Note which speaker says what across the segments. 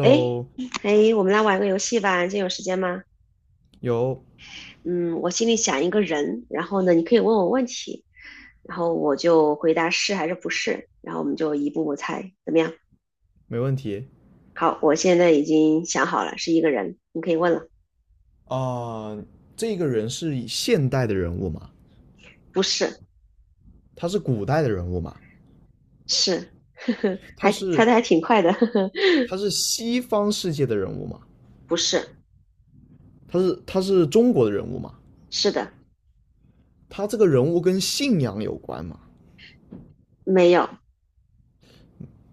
Speaker 1: 诶 诶，我们来玩个游戏吧，你今天有时间吗？
Speaker 2: 有，
Speaker 1: 嗯，我心里想一个人，然后呢，你可以问我问题，然后我就回答是还是不是，然后我们就一步步猜，怎么样？
Speaker 2: 没问题。
Speaker 1: 好，我现在已经想好了，是一个人，你可以问了。
Speaker 2: 啊，这个人是现代的人物吗？
Speaker 1: 不是，
Speaker 2: 他是古代的人物吗？
Speaker 1: 是，呵呵，
Speaker 2: 他
Speaker 1: 还猜
Speaker 2: 是
Speaker 1: 的还挺快的，呵呵，
Speaker 2: 他是西方世界的人物吗？
Speaker 1: 不是，
Speaker 2: 他是中国的人物吗？
Speaker 1: 是的，
Speaker 2: 他这个人物跟信仰有关吗？
Speaker 1: 没有，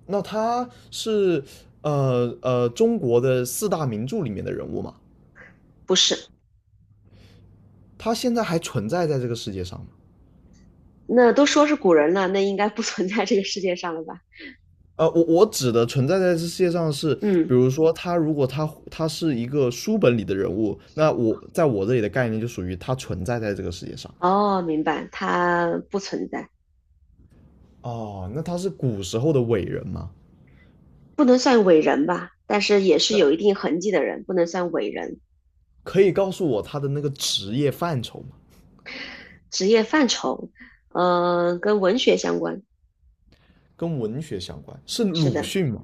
Speaker 2: 那他是中国的四大名著里面的人物吗？
Speaker 1: 不是。
Speaker 2: 他现在还存在在这个世界上吗？
Speaker 1: 那都说是古人了，那应该不存在这个世界上了吧？
Speaker 2: 我指的存在在这世界上是，比
Speaker 1: 嗯，
Speaker 2: 如说他如果他是一个书本里的人物，那我在我这里的概念就属于他存在在这个世界上。
Speaker 1: 哦，明白，他不存在。
Speaker 2: 哦，那他是古时候的伟人吗？
Speaker 1: 不能算伟人吧，但是也是有一定痕迹的人，不能算伟人。
Speaker 2: 可以告诉我他的那个职业范畴吗？
Speaker 1: 职业范畴，跟文学相关，
Speaker 2: 跟文学相关，是
Speaker 1: 是
Speaker 2: 鲁
Speaker 1: 的。
Speaker 2: 迅吗？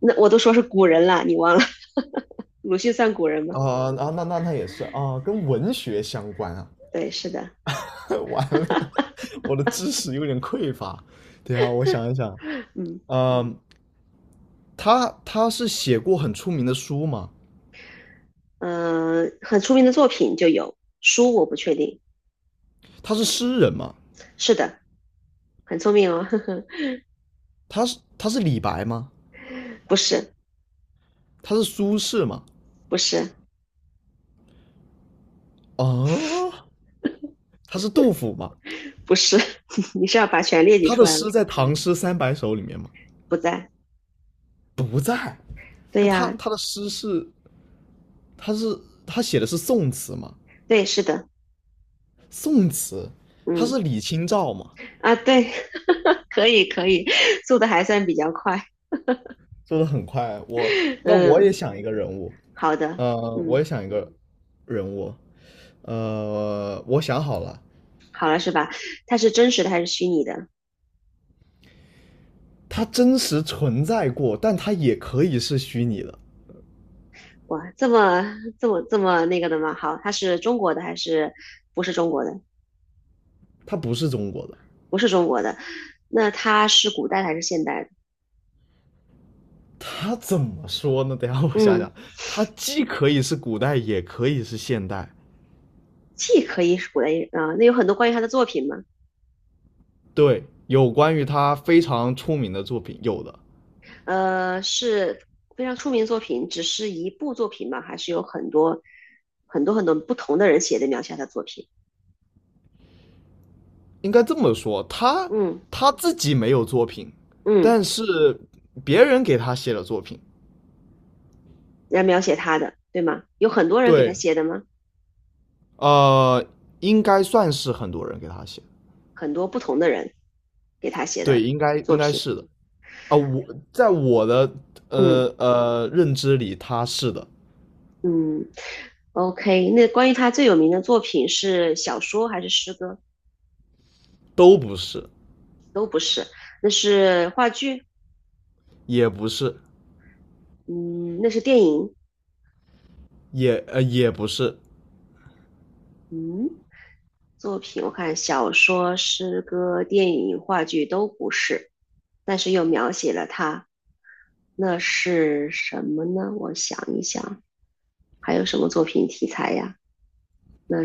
Speaker 1: 那我都说是古人了，你忘了？鲁迅算古人吗？
Speaker 2: 啊，啊，那也是啊，跟文学相关啊。
Speaker 1: 对，是的，
Speaker 2: 完了呀，我的知识有点匮乏。等一下，我想一想。
Speaker 1: 嗯
Speaker 2: 嗯，他是写过很出名的书吗？
Speaker 1: 嗯，很出名的作品就有书，我不确定。
Speaker 2: 他是诗人吗？
Speaker 1: 是的，很聪明哦，呵呵，
Speaker 2: 他是李白吗？
Speaker 1: 不是，
Speaker 2: 他是苏轼吗？
Speaker 1: 不是，
Speaker 2: 哦，他是杜甫吗？
Speaker 1: 不是，你是要把全列举
Speaker 2: 他
Speaker 1: 出
Speaker 2: 的
Speaker 1: 来吗？
Speaker 2: 诗在《唐诗三百首》里面吗？
Speaker 1: 不在。
Speaker 2: 不在。
Speaker 1: 对
Speaker 2: 那他
Speaker 1: 呀，
Speaker 2: 他的诗是他是他写的是宋词吗？
Speaker 1: 对，是的，
Speaker 2: 宋词，他
Speaker 1: 嗯
Speaker 2: 是李清照吗？
Speaker 1: 啊，对，可以可以，速度还算比较快，
Speaker 2: 说的很快，我 那我
Speaker 1: 嗯。
Speaker 2: 也想一个人物。
Speaker 1: 好的，
Speaker 2: 我
Speaker 1: 嗯，
Speaker 2: 也想一个人物。我想好了。
Speaker 1: 好了是吧？它是真实的还是虚拟的？
Speaker 2: 他真实存在过，但他也可以是虚拟的。
Speaker 1: 哇，这么那个的吗？好，它是中国的还是不是中国的？
Speaker 2: 他不是中国的。
Speaker 1: 不是中国的，那它是古代的还是现代的？
Speaker 2: 他怎么说呢？等一下我想想。
Speaker 1: 嗯，
Speaker 2: 他既可以是古代，也可以是现代。
Speaker 1: 既可以是古代，那有很多关于他的作品吗？
Speaker 2: 对，有关于他非常出名的作品，有的
Speaker 1: 是非常出名作品，只是一部作品吗？还是有很多很多很多不同的人写的描写他的作品？
Speaker 2: 应该这么说，他
Speaker 1: 嗯
Speaker 2: 他自己没有作品，
Speaker 1: 嗯，
Speaker 2: 但是别人给他写了作品。
Speaker 1: 来描写他的，对吗？有很多人给他
Speaker 2: 对，
Speaker 1: 写的吗？
Speaker 2: 呃，应该算是很多人给他写的。
Speaker 1: 很多不同的人给他写
Speaker 2: 对，
Speaker 1: 的
Speaker 2: 应该
Speaker 1: 作
Speaker 2: 应该
Speaker 1: 品。
Speaker 2: 是的。啊，我在我的
Speaker 1: 嗯
Speaker 2: 认知里，他是的。
Speaker 1: 嗯，OK。那关于他最有名的作品是小说还是诗歌？
Speaker 2: 都不是。
Speaker 1: 都不是，那是话剧，
Speaker 2: 也不是。
Speaker 1: 嗯，那是电影，
Speaker 2: 也不是。
Speaker 1: 嗯，作品我看小说、诗歌、电影、话剧都不是，但是又描写了他，那是什么呢？我想一想，还有什么作品题材呀？那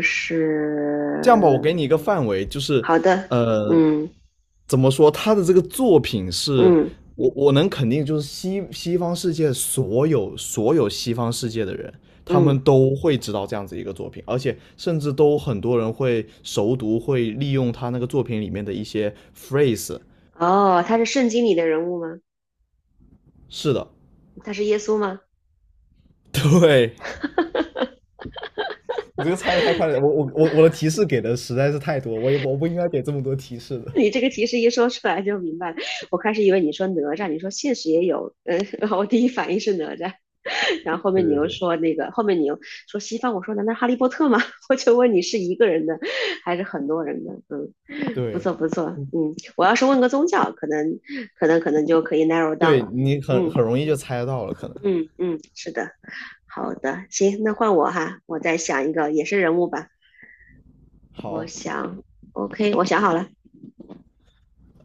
Speaker 2: 这样吧，我
Speaker 1: 是呃
Speaker 2: 给你一个范围，就是
Speaker 1: 好的，
Speaker 2: 呃，
Speaker 1: 嗯
Speaker 2: 怎么说，他的这个作品是
Speaker 1: 嗯。
Speaker 2: 我能肯定，就是西方世界所有西方世界的人，他
Speaker 1: 嗯，
Speaker 2: 们都会知道这样子一个作品，而且甚至都很多人会熟读，会利用他那个作品里面的一些 phrase。
Speaker 1: 哦，他是圣经里的人物吗？
Speaker 2: 是的，
Speaker 1: 他是耶稣吗？
Speaker 2: 对。你这个猜的太快了，我的提示给的实在是太多，我不应该给这么多提示的。
Speaker 1: 你这个提示一说出来就明白了。我开始以为你说哪吒，你说现实也有，嗯，我第一反应是哪吒，然后后
Speaker 2: 对
Speaker 1: 面你
Speaker 2: 对
Speaker 1: 又
Speaker 2: 对
Speaker 1: 说那个，后面你又说西方，我说难道哈利波特吗？我就问你是一个人的还是很多人的？嗯，不
Speaker 2: 对
Speaker 1: 错不错，嗯，我要是问个宗教，可能就可以 narrow down
Speaker 2: 对，
Speaker 1: 了。
Speaker 2: 你很
Speaker 1: 嗯
Speaker 2: 很容易就猜得到了，可能。
Speaker 1: 嗯嗯，是的，好的，行，那换我哈，我再想一个也是人物吧。我
Speaker 2: 好，
Speaker 1: 想，OK，我想好了，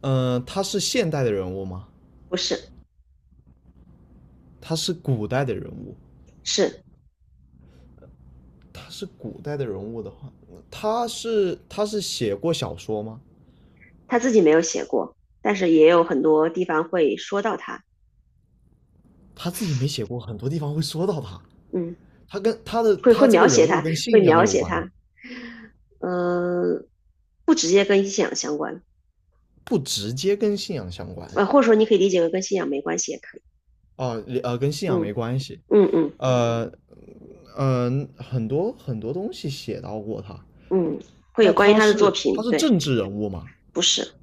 Speaker 2: 他是现代的人物吗？
Speaker 1: 不是，
Speaker 2: 他是古代的人物？
Speaker 1: 是
Speaker 2: 他是古代的人物的话，他是写过小说吗？
Speaker 1: 他自己没有写过，但是也有很多地方会说到他，
Speaker 2: 他自己没写过，很多地方会说到他。
Speaker 1: 嗯，
Speaker 2: 他跟他的
Speaker 1: 会
Speaker 2: 他这个
Speaker 1: 描
Speaker 2: 人
Speaker 1: 写
Speaker 2: 物
Speaker 1: 他，
Speaker 2: 跟
Speaker 1: 会
Speaker 2: 信仰
Speaker 1: 描
Speaker 2: 有
Speaker 1: 写
Speaker 2: 关吗？
Speaker 1: 他，嗯、不直接跟信仰相关，
Speaker 2: 不直接跟信仰相关。
Speaker 1: 呃，或者说你可以理解为跟信仰没关系也可以，
Speaker 2: 啊，跟信仰没
Speaker 1: 嗯
Speaker 2: 关系。
Speaker 1: 嗯嗯
Speaker 2: 呃，很多很多东西写到过他。
Speaker 1: 嗯，会有
Speaker 2: 那
Speaker 1: 关于
Speaker 2: 他
Speaker 1: 他的作
Speaker 2: 是他
Speaker 1: 品，
Speaker 2: 是
Speaker 1: 对，
Speaker 2: 政治人物吗？
Speaker 1: 不是，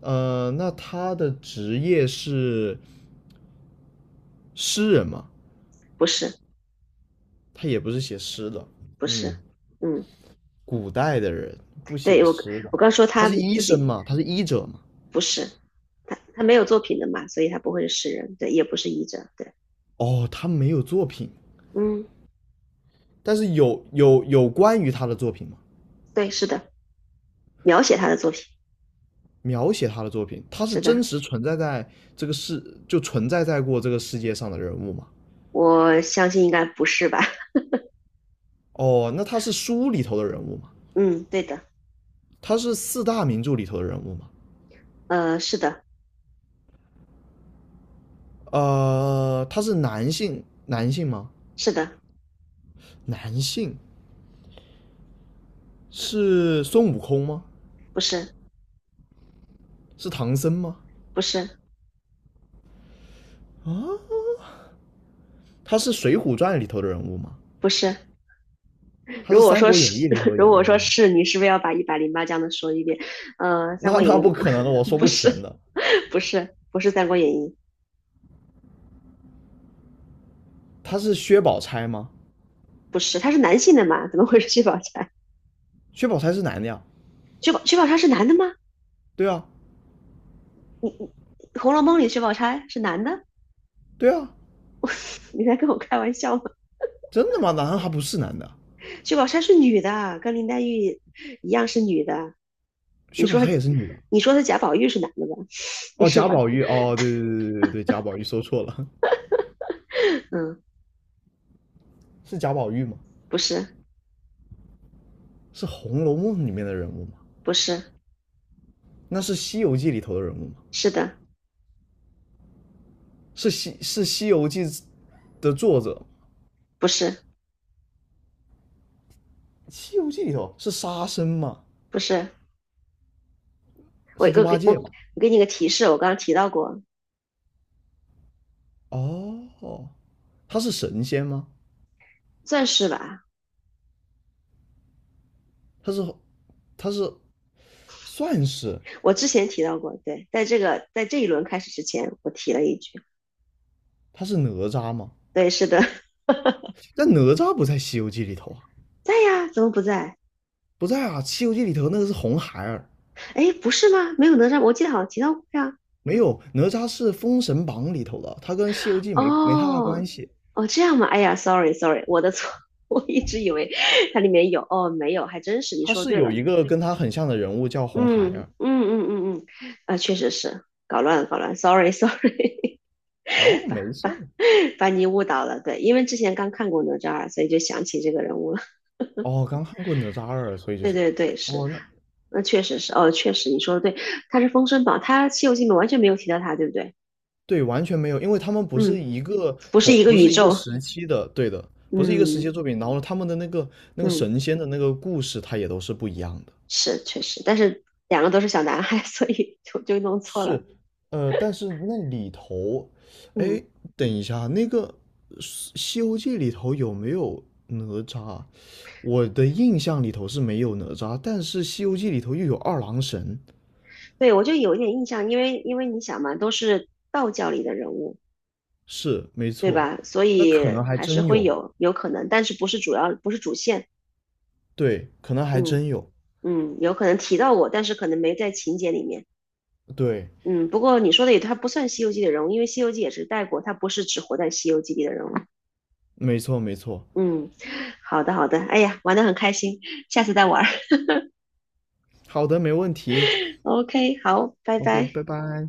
Speaker 2: 那他的职业是诗人吗？
Speaker 1: 不是，
Speaker 2: 他也不是写诗的。
Speaker 1: 不是，
Speaker 2: 嗯，
Speaker 1: 嗯，
Speaker 2: 古代的人不
Speaker 1: 对
Speaker 2: 写
Speaker 1: 我
Speaker 2: 诗的，
Speaker 1: 我刚说
Speaker 2: 他
Speaker 1: 他
Speaker 2: 是医
Speaker 1: 自
Speaker 2: 生
Speaker 1: 己
Speaker 2: 嘛，他是医者嘛。
Speaker 1: 不是，他没有作品的嘛，所以他不会是诗人，对，也不是译者，对，
Speaker 2: 哦，他没有作品，
Speaker 1: 嗯，
Speaker 2: 但是有关于他的作品吗？
Speaker 1: 对，是的。描写他的作品。
Speaker 2: 描写他的作品，他是
Speaker 1: 是的，
Speaker 2: 真实存在在这个世，就存在在过这个世界上的人物吗？
Speaker 1: 我相信应该不是吧？
Speaker 2: 哦，那他是书里头的人物吗？
Speaker 1: 嗯，对的，
Speaker 2: 他是四大名著里头的人物吗？
Speaker 1: 呃，是的，
Speaker 2: 他是男性，男性吗？
Speaker 1: 是的，
Speaker 2: 男性是孙悟空吗？
Speaker 1: 不是，
Speaker 2: 是唐僧吗？
Speaker 1: 不是，
Speaker 2: 他是《水浒传》里头的人物吗？
Speaker 1: 不是。
Speaker 2: 他
Speaker 1: 如
Speaker 2: 是
Speaker 1: 果
Speaker 2: 《三
Speaker 1: 说
Speaker 2: 国演
Speaker 1: 是，
Speaker 2: 义》里 头的
Speaker 1: 如果
Speaker 2: 人
Speaker 1: 说
Speaker 2: 物吗？
Speaker 1: 是，你是不是要把108将的说一遍？《三
Speaker 2: 那
Speaker 1: 国演
Speaker 2: 那
Speaker 1: 义》
Speaker 2: 不可能的，我
Speaker 1: 不，
Speaker 2: 说
Speaker 1: 不
Speaker 2: 不全
Speaker 1: 是，
Speaker 2: 的。
Speaker 1: 不是，不是《三国演义》，
Speaker 2: 他是薛宝钗吗？
Speaker 1: 不是，他是男性的嘛？怎么会是薛宝钗？
Speaker 2: 薛宝钗是男的呀？
Speaker 1: 薛宝钗是男的吗？
Speaker 2: 对啊，
Speaker 1: 《红楼梦》里薛宝钗是男的？
Speaker 2: 对啊，
Speaker 1: 你在跟我开玩笑吗？
Speaker 2: 真的吗？难道他不是男的？
Speaker 1: 薛宝钗是女的，跟林黛玉一样是女的。你
Speaker 2: 薛宝
Speaker 1: 说，
Speaker 2: 钗也是女的？
Speaker 1: 你说的贾宝玉是男的吧？你
Speaker 2: 哦，
Speaker 1: 是
Speaker 2: 贾
Speaker 1: 吧？
Speaker 2: 宝玉，哦，对对对对对，贾宝玉说错了。
Speaker 1: 嗯，
Speaker 2: 是贾宝玉吗？
Speaker 1: 不是，
Speaker 2: 是《红楼梦》里面的人物吗？
Speaker 1: 不是，
Speaker 2: 那是《西游记》里头的人物吗？
Speaker 1: 是的，
Speaker 2: 是《西游记》的作者，
Speaker 1: 不是，
Speaker 2: 《西游记》里头是沙僧吗？
Speaker 1: 不是。我
Speaker 2: 是猪
Speaker 1: 我
Speaker 2: 八
Speaker 1: 给我
Speaker 2: 戒
Speaker 1: 我
Speaker 2: 吗？
Speaker 1: 给你个提示，我刚刚提到过，
Speaker 2: 哦，他是神仙吗？
Speaker 1: 算是吧。
Speaker 2: 他是他是算是
Speaker 1: 我之前提到过，对，在这一轮开始之前，我提了一句，
Speaker 2: 他是哪吒吗？
Speaker 1: 对，是的，
Speaker 2: 但哪吒不在《西游记》里头啊。
Speaker 1: 在呀，怎么不在？
Speaker 2: 不在啊，《西游记》里头那个是红孩儿。
Speaker 1: 哎，不是吗？没有哪吒，我记得好像提到过呀。
Speaker 2: 没有，哪吒是《封神榜》里头的，他跟《西游记没》没太大关
Speaker 1: 哦，
Speaker 2: 系。
Speaker 1: 哦，这样吗？哎呀，sorry，sorry，我的错，我一直以为它里面有，哦，没有，还真是，你
Speaker 2: 他
Speaker 1: 说
Speaker 2: 是
Speaker 1: 对
Speaker 2: 有
Speaker 1: 了。
Speaker 2: 一个跟他很像的人物叫红孩
Speaker 1: 嗯
Speaker 2: 儿。
Speaker 1: 嗯嗯嗯嗯，啊，确实是搞乱了，搞乱 sorry sorry，
Speaker 2: 哦，没事儿。
Speaker 1: 把你误导了。对，因为之前刚看过哪吒2，所以就想起这个人物了。
Speaker 2: 哦，刚看过哪吒二，所以 就
Speaker 1: 对
Speaker 2: 是，
Speaker 1: 对对，是，
Speaker 2: 哦，那
Speaker 1: 那确实是，哦，确实你说的对，他是封神榜，他《西游记》里面完全没有提到他，对不对？
Speaker 2: 对，完全没有，因为他们不
Speaker 1: 嗯，
Speaker 2: 是一个
Speaker 1: 不是
Speaker 2: 同，
Speaker 1: 一个
Speaker 2: 不
Speaker 1: 宇
Speaker 2: 是一个
Speaker 1: 宙。
Speaker 2: 时期的，对的。不是一个时期
Speaker 1: 嗯
Speaker 2: 的作品。然后他们的那个
Speaker 1: 嗯，
Speaker 2: 神仙的那个故事，它也都是不一样的。
Speaker 1: 是确实，但是两个都是小男孩，所以就弄错了。
Speaker 2: 是，但是那里头。哎，
Speaker 1: 嗯，
Speaker 2: 等一下，那个《西游记》里头有没有哪吒？我的印象里头是没有哪吒，但是《西游记》里头又有二郎神。
Speaker 1: 对，我就有一点印象，因为你想嘛，都是道教里的人物，
Speaker 2: 是，没
Speaker 1: 对
Speaker 2: 错。
Speaker 1: 吧？所
Speaker 2: 那可
Speaker 1: 以
Speaker 2: 能还
Speaker 1: 还是
Speaker 2: 真
Speaker 1: 会
Speaker 2: 有。
Speaker 1: 有可能，但是不是主要，不是主线。
Speaker 2: 对，可能还
Speaker 1: 嗯
Speaker 2: 真有，
Speaker 1: 嗯，有可能提到我，但是可能没在情节里面。
Speaker 2: 对。
Speaker 1: 嗯，不过你说的也，他不算《西游记》的人物，因为《西游记》也是带过，他不是只活在《西游记》里的人物。
Speaker 2: 没错，没错。
Speaker 1: 嗯，好的好的，哎呀，玩得很开心，下次再玩儿。
Speaker 2: 好的，没问题
Speaker 1: OK，好，拜
Speaker 2: ，OK，
Speaker 1: 拜。
Speaker 2: 拜拜。